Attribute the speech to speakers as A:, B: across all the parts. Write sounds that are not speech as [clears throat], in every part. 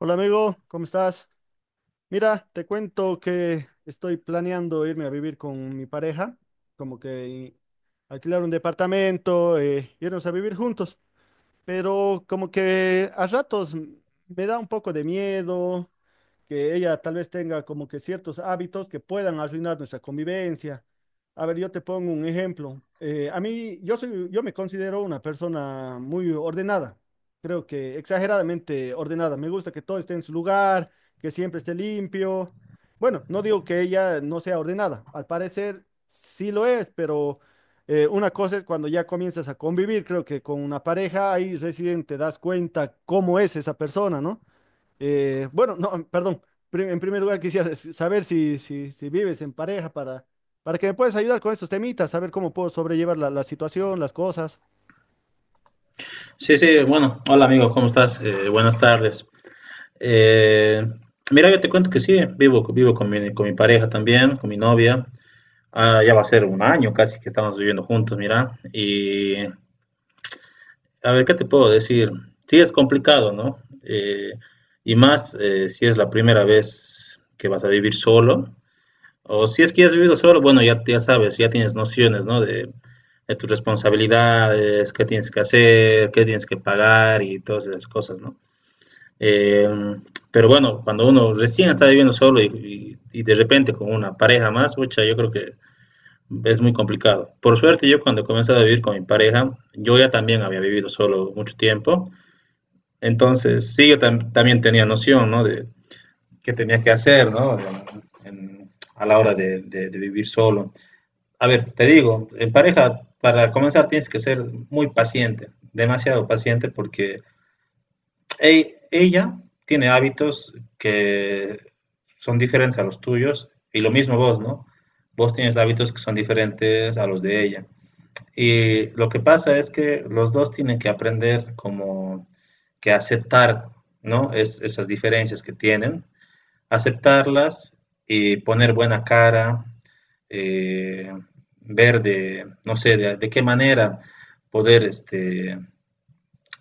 A: Hola amigo, ¿cómo estás? Mira, te cuento que estoy planeando irme a vivir con mi pareja, como que alquilar un departamento, irnos a vivir juntos, pero como que a ratos me da un poco de miedo, que ella tal vez tenga como que ciertos hábitos que puedan arruinar nuestra convivencia. A ver, yo te pongo un ejemplo. A mí, yo me considero una persona muy ordenada, creo que exageradamente ordenada. Me gusta que todo esté en su lugar, que siempre esté limpio. Bueno, no digo que ella no sea ordenada, al parecer sí lo es, pero una cosa es cuando ya comienzas a convivir, creo que con una pareja, ahí recién te das cuenta cómo es esa persona, ¿no? Perdón. En primer lugar, quisiera saber si, si vives en pareja para que me puedas ayudar con estos temitas, saber cómo puedo sobrellevar la situación, las cosas.
B: Sí, sí, bueno, hola amigo, ¿cómo estás? Buenas tardes. Eh, mira, yo te cuento que sí, vivo con con mi pareja también, con mi novia. Ah, ya va a ser un año casi que estamos viviendo juntos, mira. Y a ver, ¿qué te puedo decir? Sí, es complicado, ¿no? Y más si es la primera vez que vas a vivir solo. O si es que ya has vivido solo, bueno, ya, ya sabes, ya tienes nociones, ¿no? De tus responsabilidades, qué tienes que hacer, qué tienes que pagar y todas esas cosas, ¿no? Eh, pero bueno, cuando uno recién está viviendo solo y de repente con una pareja más, pucha, yo creo que es muy complicado. Por suerte, yo cuando comencé a vivir con mi pareja, yo ya también había vivido solo mucho tiempo. Entonces, sí, yo tam también tenía noción, ¿no? De qué tenía que hacer, ¿no? A la hora de vivir solo. A ver, te digo, en pareja, para comenzar tienes que ser muy paciente, demasiado paciente, porque ella tiene hábitos que son diferentes a los tuyos y lo mismo vos, ¿no? Vos tienes hábitos que son diferentes a los de ella. Y lo que pasa es que los dos tienen que aprender como que aceptar, ¿no? Esas diferencias que tienen, aceptarlas y poner buena cara, eh, ver de, no sé, de qué manera poder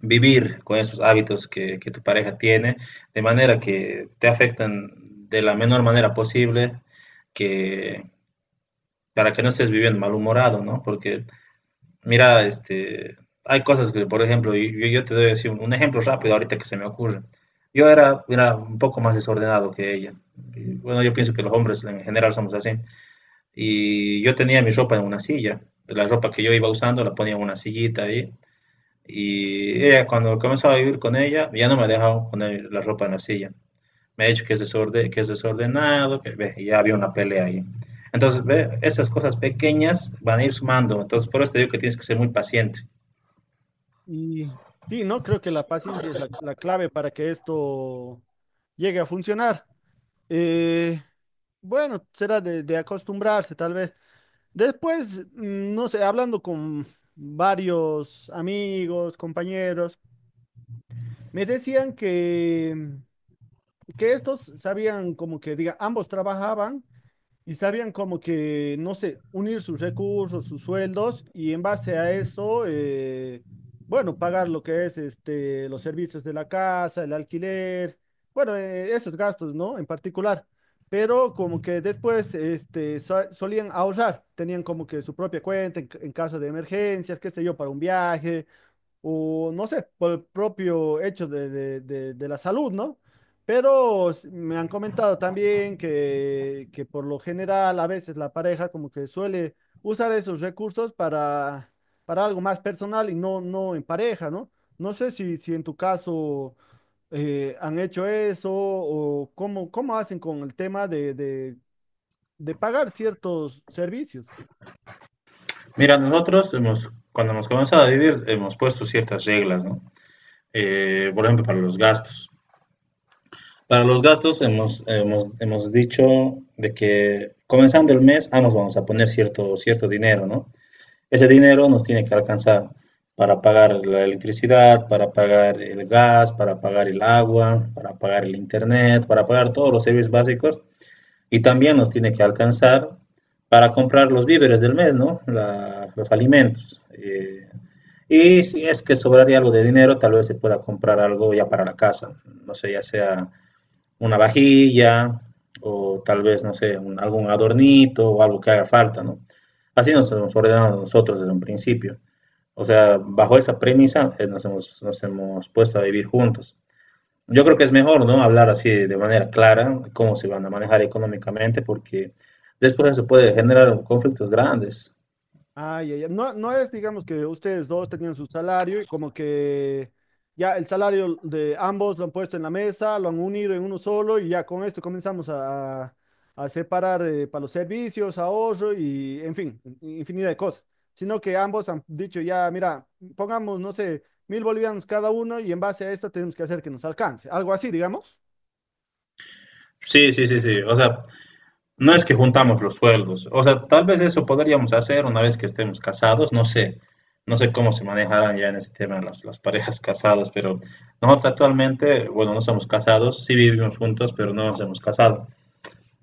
B: vivir con esos hábitos que tu pareja tiene, de manera que te afectan de la menor manera posible, que para que no estés viviendo malhumorado, ¿no? Porque, mira, hay cosas que, por ejemplo, yo te doy así un ejemplo rápido ahorita que se me ocurre. Yo era un poco más desordenado que ella. Y bueno, yo pienso que los hombres en general somos así. Y yo tenía mi ropa en una silla. La ropa que yo iba usando la ponía en una sillita ahí. Y ella, cuando comenzaba a vivir con ella, ya no me dejaba poner la ropa en la silla. Me ha dicho que es, desorden, que es desordenado, que ve, ya había una pelea ahí. Entonces, ve, esas cosas pequeñas van a ir sumando. Entonces, por eso te digo que tienes que ser muy paciente.
A: Y sí, ¿no? Creo que la paciencia es la clave para que esto llegue a funcionar. Eh, bueno, será de acostumbrarse, tal vez. Después, no sé, hablando con varios amigos, compañeros, me decían que estos sabían como que, diga, ambos trabajaban y sabían como que, no sé, unir sus recursos, sus sueldos y en base a eso, bueno, pagar lo que es este, los servicios de la casa, el alquiler, bueno, esos gastos, ¿no? En particular. Pero como que después este, solían ahorrar, tenían como que su propia cuenta en, en caso de emergencias, qué sé yo, para un viaje o no sé, por el propio hecho de, de la salud, ¿no? Pero me han comentado también que por lo general a veces la pareja como que suele usar esos recursos para algo más personal y no, no en pareja, ¿no? No sé si, si en tu caso han hecho eso o cómo, cómo hacen con el tema de, de pagar ciertos servicios.
B: Mira, nosotros hemos, cuando hemos comenzado a vivir, hemos puesto ciertas reglas, ¿no? Por ejemplo, para los gastos. Para los gastos hemos dicho de que comenzando el mes, ambos vamos a poner cierto dinero, ¿no? Ese dinero nos tiene que alcanzar para pagar la electricidad, para pagar el gas, para pagar el agua, para pagar el internet, para pagar todos los servicios básicos y también nos tiene que alcanzar para comprar los víveres del mes, ¿no? Los alimentos. Y si es que sobraría algo de dinero, tal vez se pueda comprar algo ya para la casa, no sé, ya sea una vajilla o tal vez, no sé, algún adornito o algo que haga falta, ¿no? Así nos hemos ordenado nosotros desde un principio. O sea, bajo esa premisa nos hemos puesto a vivir juntos. Yo creo que es mejor, ¿no? Hablar así de manera clara de cómo se van a manejar económicamente porque después eso puede generar conflictos grandes.
A: Ay, ay, ay. No, no es, digamos, que ustedes dos tenían su salario y como que ya el salario de ambos lo han puesto en la mesa, lo han unido en uno solo y ya con esto comenzamos a, a separar para los servicios, ahorro y, en fin, infinidad de cosas. Sino que ambos han dicho ya, mira, pongamos, no sé, 1000 bolivianos cada uno y en base a esto tenemos que hacer que nos alcance. Algo así, digamos.
B: Sí, sí, sí, sí. O sea, no es que juntamos los sueldos, o sea, tal vez eso podríamos hacer una vez que estemos casados, no sé, no sé cómo se manejarán ya en ese tema las parejas casadas, pero nosotros actualmente, bueno, no somos casados, sí vivimos juntos, pero no nos hemos casado.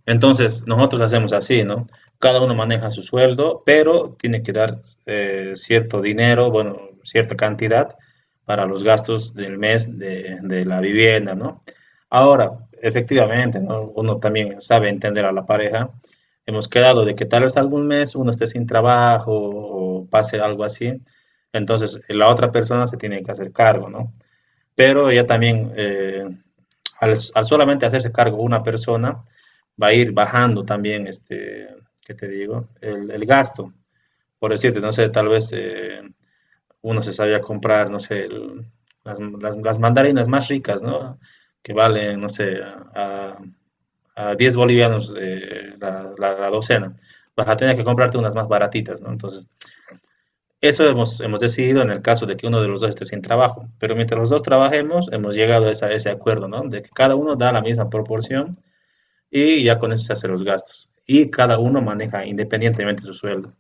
B: Entonces, nosotros hacemos así, ¿no? Cada uno maneja su sueldo, pero tiene que dar cierto dinero, bueno, cierta cantidad para los gastos del mes de la vivienda, ¿no? Ahora, efectivamente, ¿no? Uno también sabe entender a la pareja. Hemos quedado de que tal vez algún mes uno esté sin trabajo o pase algo así. Entonces, la otra persona se tiene que hacer cargo, ¿no? Pero ya también solamente hacerse cargo una persona va a ir bajando también, ¿qué te digo? El gasto, por decirte, no sé, tal vez uno se sabía comprar, no sé, el, las, mandarinas más ricas, ¿no? Que valen, no sé, a 10 bolivianos la docena. Vas a tener que comprarte unas más baratitas, ¿no? Entonces, eso hemos decidido en el caso de que uno de los dos esté sin trabajo, pero mientras los dos trabajemos, hemos llegado a, ese acuerdo, ¿no? De que cada uno da la misma proporción y ya con eso se hacen los gastos. Y cada uno maneja independientemente su sueldo.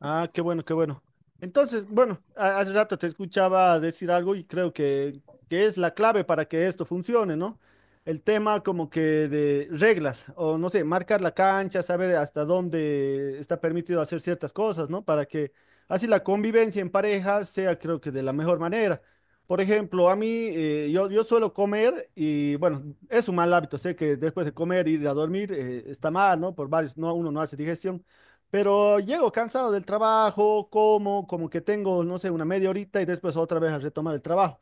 A: Ah, qué bueno, qué bueno. Entonces, bueno, hace rato te escuchaba decir algo y creo que es la clave para que esto funcione, ¿no? El tema como que de reglas, o no sé, marcar la cancha, saber hasta dónde está permitido hacer ciertas cosas, ¿no? Para que así la convivencia en pareja sea, creo que de la mejor manera. Por ejemplo, a mí, yo suelo comer y, bueno, es un mal hábito, sé que después de comer, ir a dormir, está mal, ¿no? Por varios, no, uno no hace digestión. Pero llego cansado del trabajo, como que tengo, no sé, una media horita y después otra vez a retomar el trabajo.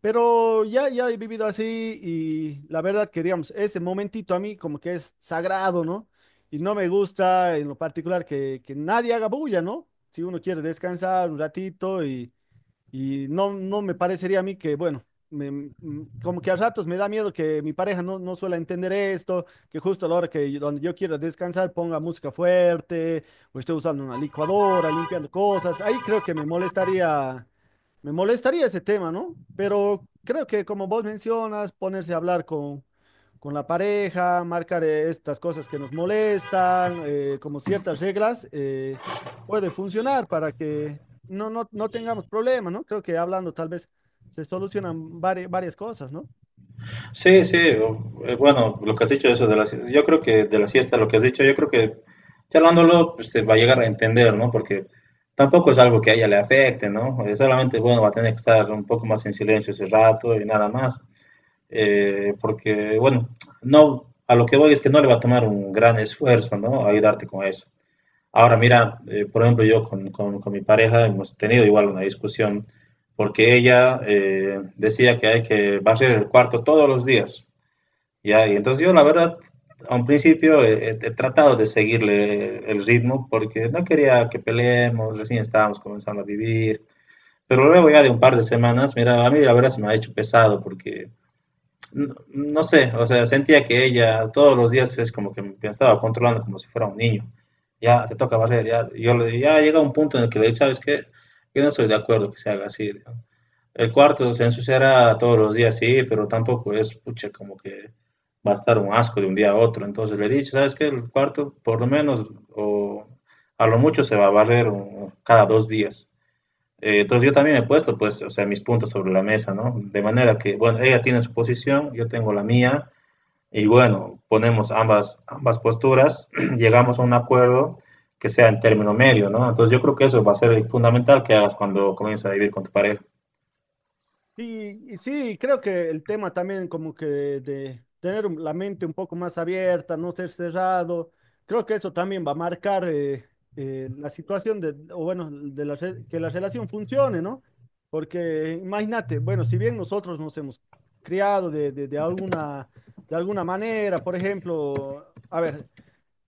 A: Pero ya, ya he vivido así y la verdad que, digamos, ese momentito a mí como que es sagrado, ¿no? Y no me gusta en lo particular que nadie haga bulla, ¿no? Si uno quiere descansar un ratito y no, no me parecería a mí que, bueno, como que a ratos me da miedo que mi pareja no, no suela entender esto, que justo a la hora que donde yo quiero descansar ponga música fuerte, o esté usando una licuadora, limpiando cosas. Ahí creo que me molestaría ese tema, ¿no? Pero creo que como vos mencionas, ponerse a hablar con la pareja, marcar estas cosas que nos molestan, como ciertas reglas, puede funcionar para que no, no, no tengamos problemas, ¿no? Creo que hablando tal vez se solucionan varias cosas, ¿no?
B: Sí, sí, bueno, lo que has dicho eso de la, yo creo que de la siesta, lo que has dicho, yo creo que charlándolo pues, se va a llegar a entender, ¿no? Porque tampoco es algo que a ella le afecte, ¿no? Solamente, bueno, va a tener que estar un poco más en silencio ese rato y nada más. Porque, bueno, no, a lo que voy es que no le va a tomar un gran esfuerzo, ¿no? Ayudarte con eso. Ahora, mira, por ejemplo, yo mi pareja hemos tenido igual una discusión porque ella decía que hay que barrer el cuarto todos los días, ¿ya? Y entonces yo, la verdad, a un principio he tratado de seguirle el ritmo porque no quería que peleemos, recién estábamos comenzando a vivir, pero luego ya de un par de semanas, mira, a mí la verdad se me ha hecho pesado porque no, no sé, o sea, sentía que ella todos los días es como que me estaba controlando como si fuera un niño. Ya te toca barrer, ya, yo le, ya llega un punto en el que le digo, ¿sabes qué? Yo no estoy de acuerdo que se haga así, ¿no? El cuarto se ensuciará todos los días, sí, pero tampoco es, pucha, como que va a estar un asco de un día a otro. Entonces le he dicho, ¿sabes qué? El cuarto, por lo menos, o a lo mucho se va a barrer cada 2 días. Entonces yo también he puesto, pues, o sea, mis puntos sobre la mesa, ¿no? De manera que, bueno, ella tiene su posición, yo tengo la mía, y bueno, ponemos ambas, ambas posturas, [clears throat] llegamos a un acuerdo que sea en término medio, ¿no? Entonces yo creo que eso va a ser fundamental que hagas cuando comiences a vivir con tu pareja.
A: Y sí, creo que el tema también como que de tener la mente un poco más abierta, no ser cerrado, creo que eso también va a marcar la situación de, o bueno, de la, que la relación funcione, ¿no? Porque imagínate, bueno, si bien nosotros nos hemos criado de alguna manera, por ejemplo, a ver,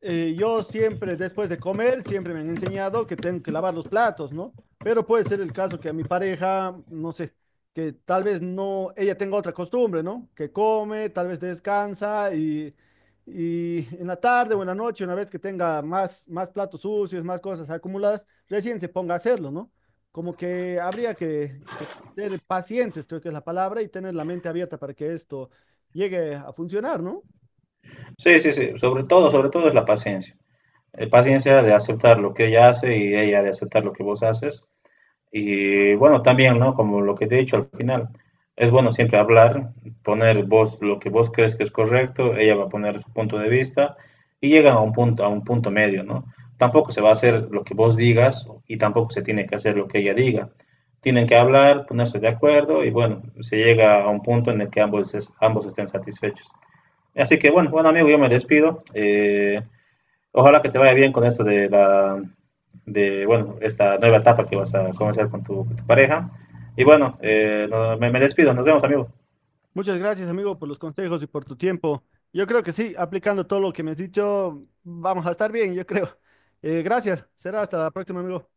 A: yo siempre, después de comer, siempre me han enseñado que tengo que lavar los platos, ¿no? Pero puede ser el caso que a mi pareja, no sé, que tal vez no, ella tenga otra costumbre, ¿no? Que come, tal vez descansa y en la tarde o en la noche, una vez que tenga más, más platos sucios, más cosas acumuladas, recién se ponga a hacerlo, ¿no? Como que habría que ser pacientes, creo que es la palabra, y tener la mente abierta para que esto llegue a funcionar, ¿no?
B: Sí, sí, sí, sobre todo es la paciencia. La paciencia de aceptar lo que ella hace y ella de aceptar lo que vos haces. Y bueno, también, ¿no? Como lo que te he dicho al final, es bueno siempre hablar, poner vos lo que vos crees que es correcto, ella va a poner su punto de vista y llegan a un punto medio, ¿no? Tampoco se va a hacer lo que vos digas y tampoco se tiene que hacer lo que ella diga. Tienen que hablar, ponerse de acuerdo y bueno, se llega a un punto en el que ambos, ambos estén satisfechos. Así que bueno, bueno amigo, yo me despido. Ojalá que te vaya bien con eso de la, de, bueno, esta nueva etapa que vas a comenzar con con tu pareja. Y bueno, me despido. Nos vemos, amigo.
A: Muchas gracias, amigo, por los consejos y por tu tiempo. Yo creo que sí, aplicando todo lo que me has dicho, vamos a estar bien, yo creo. Gracias. Será hasta la próxima, amigo.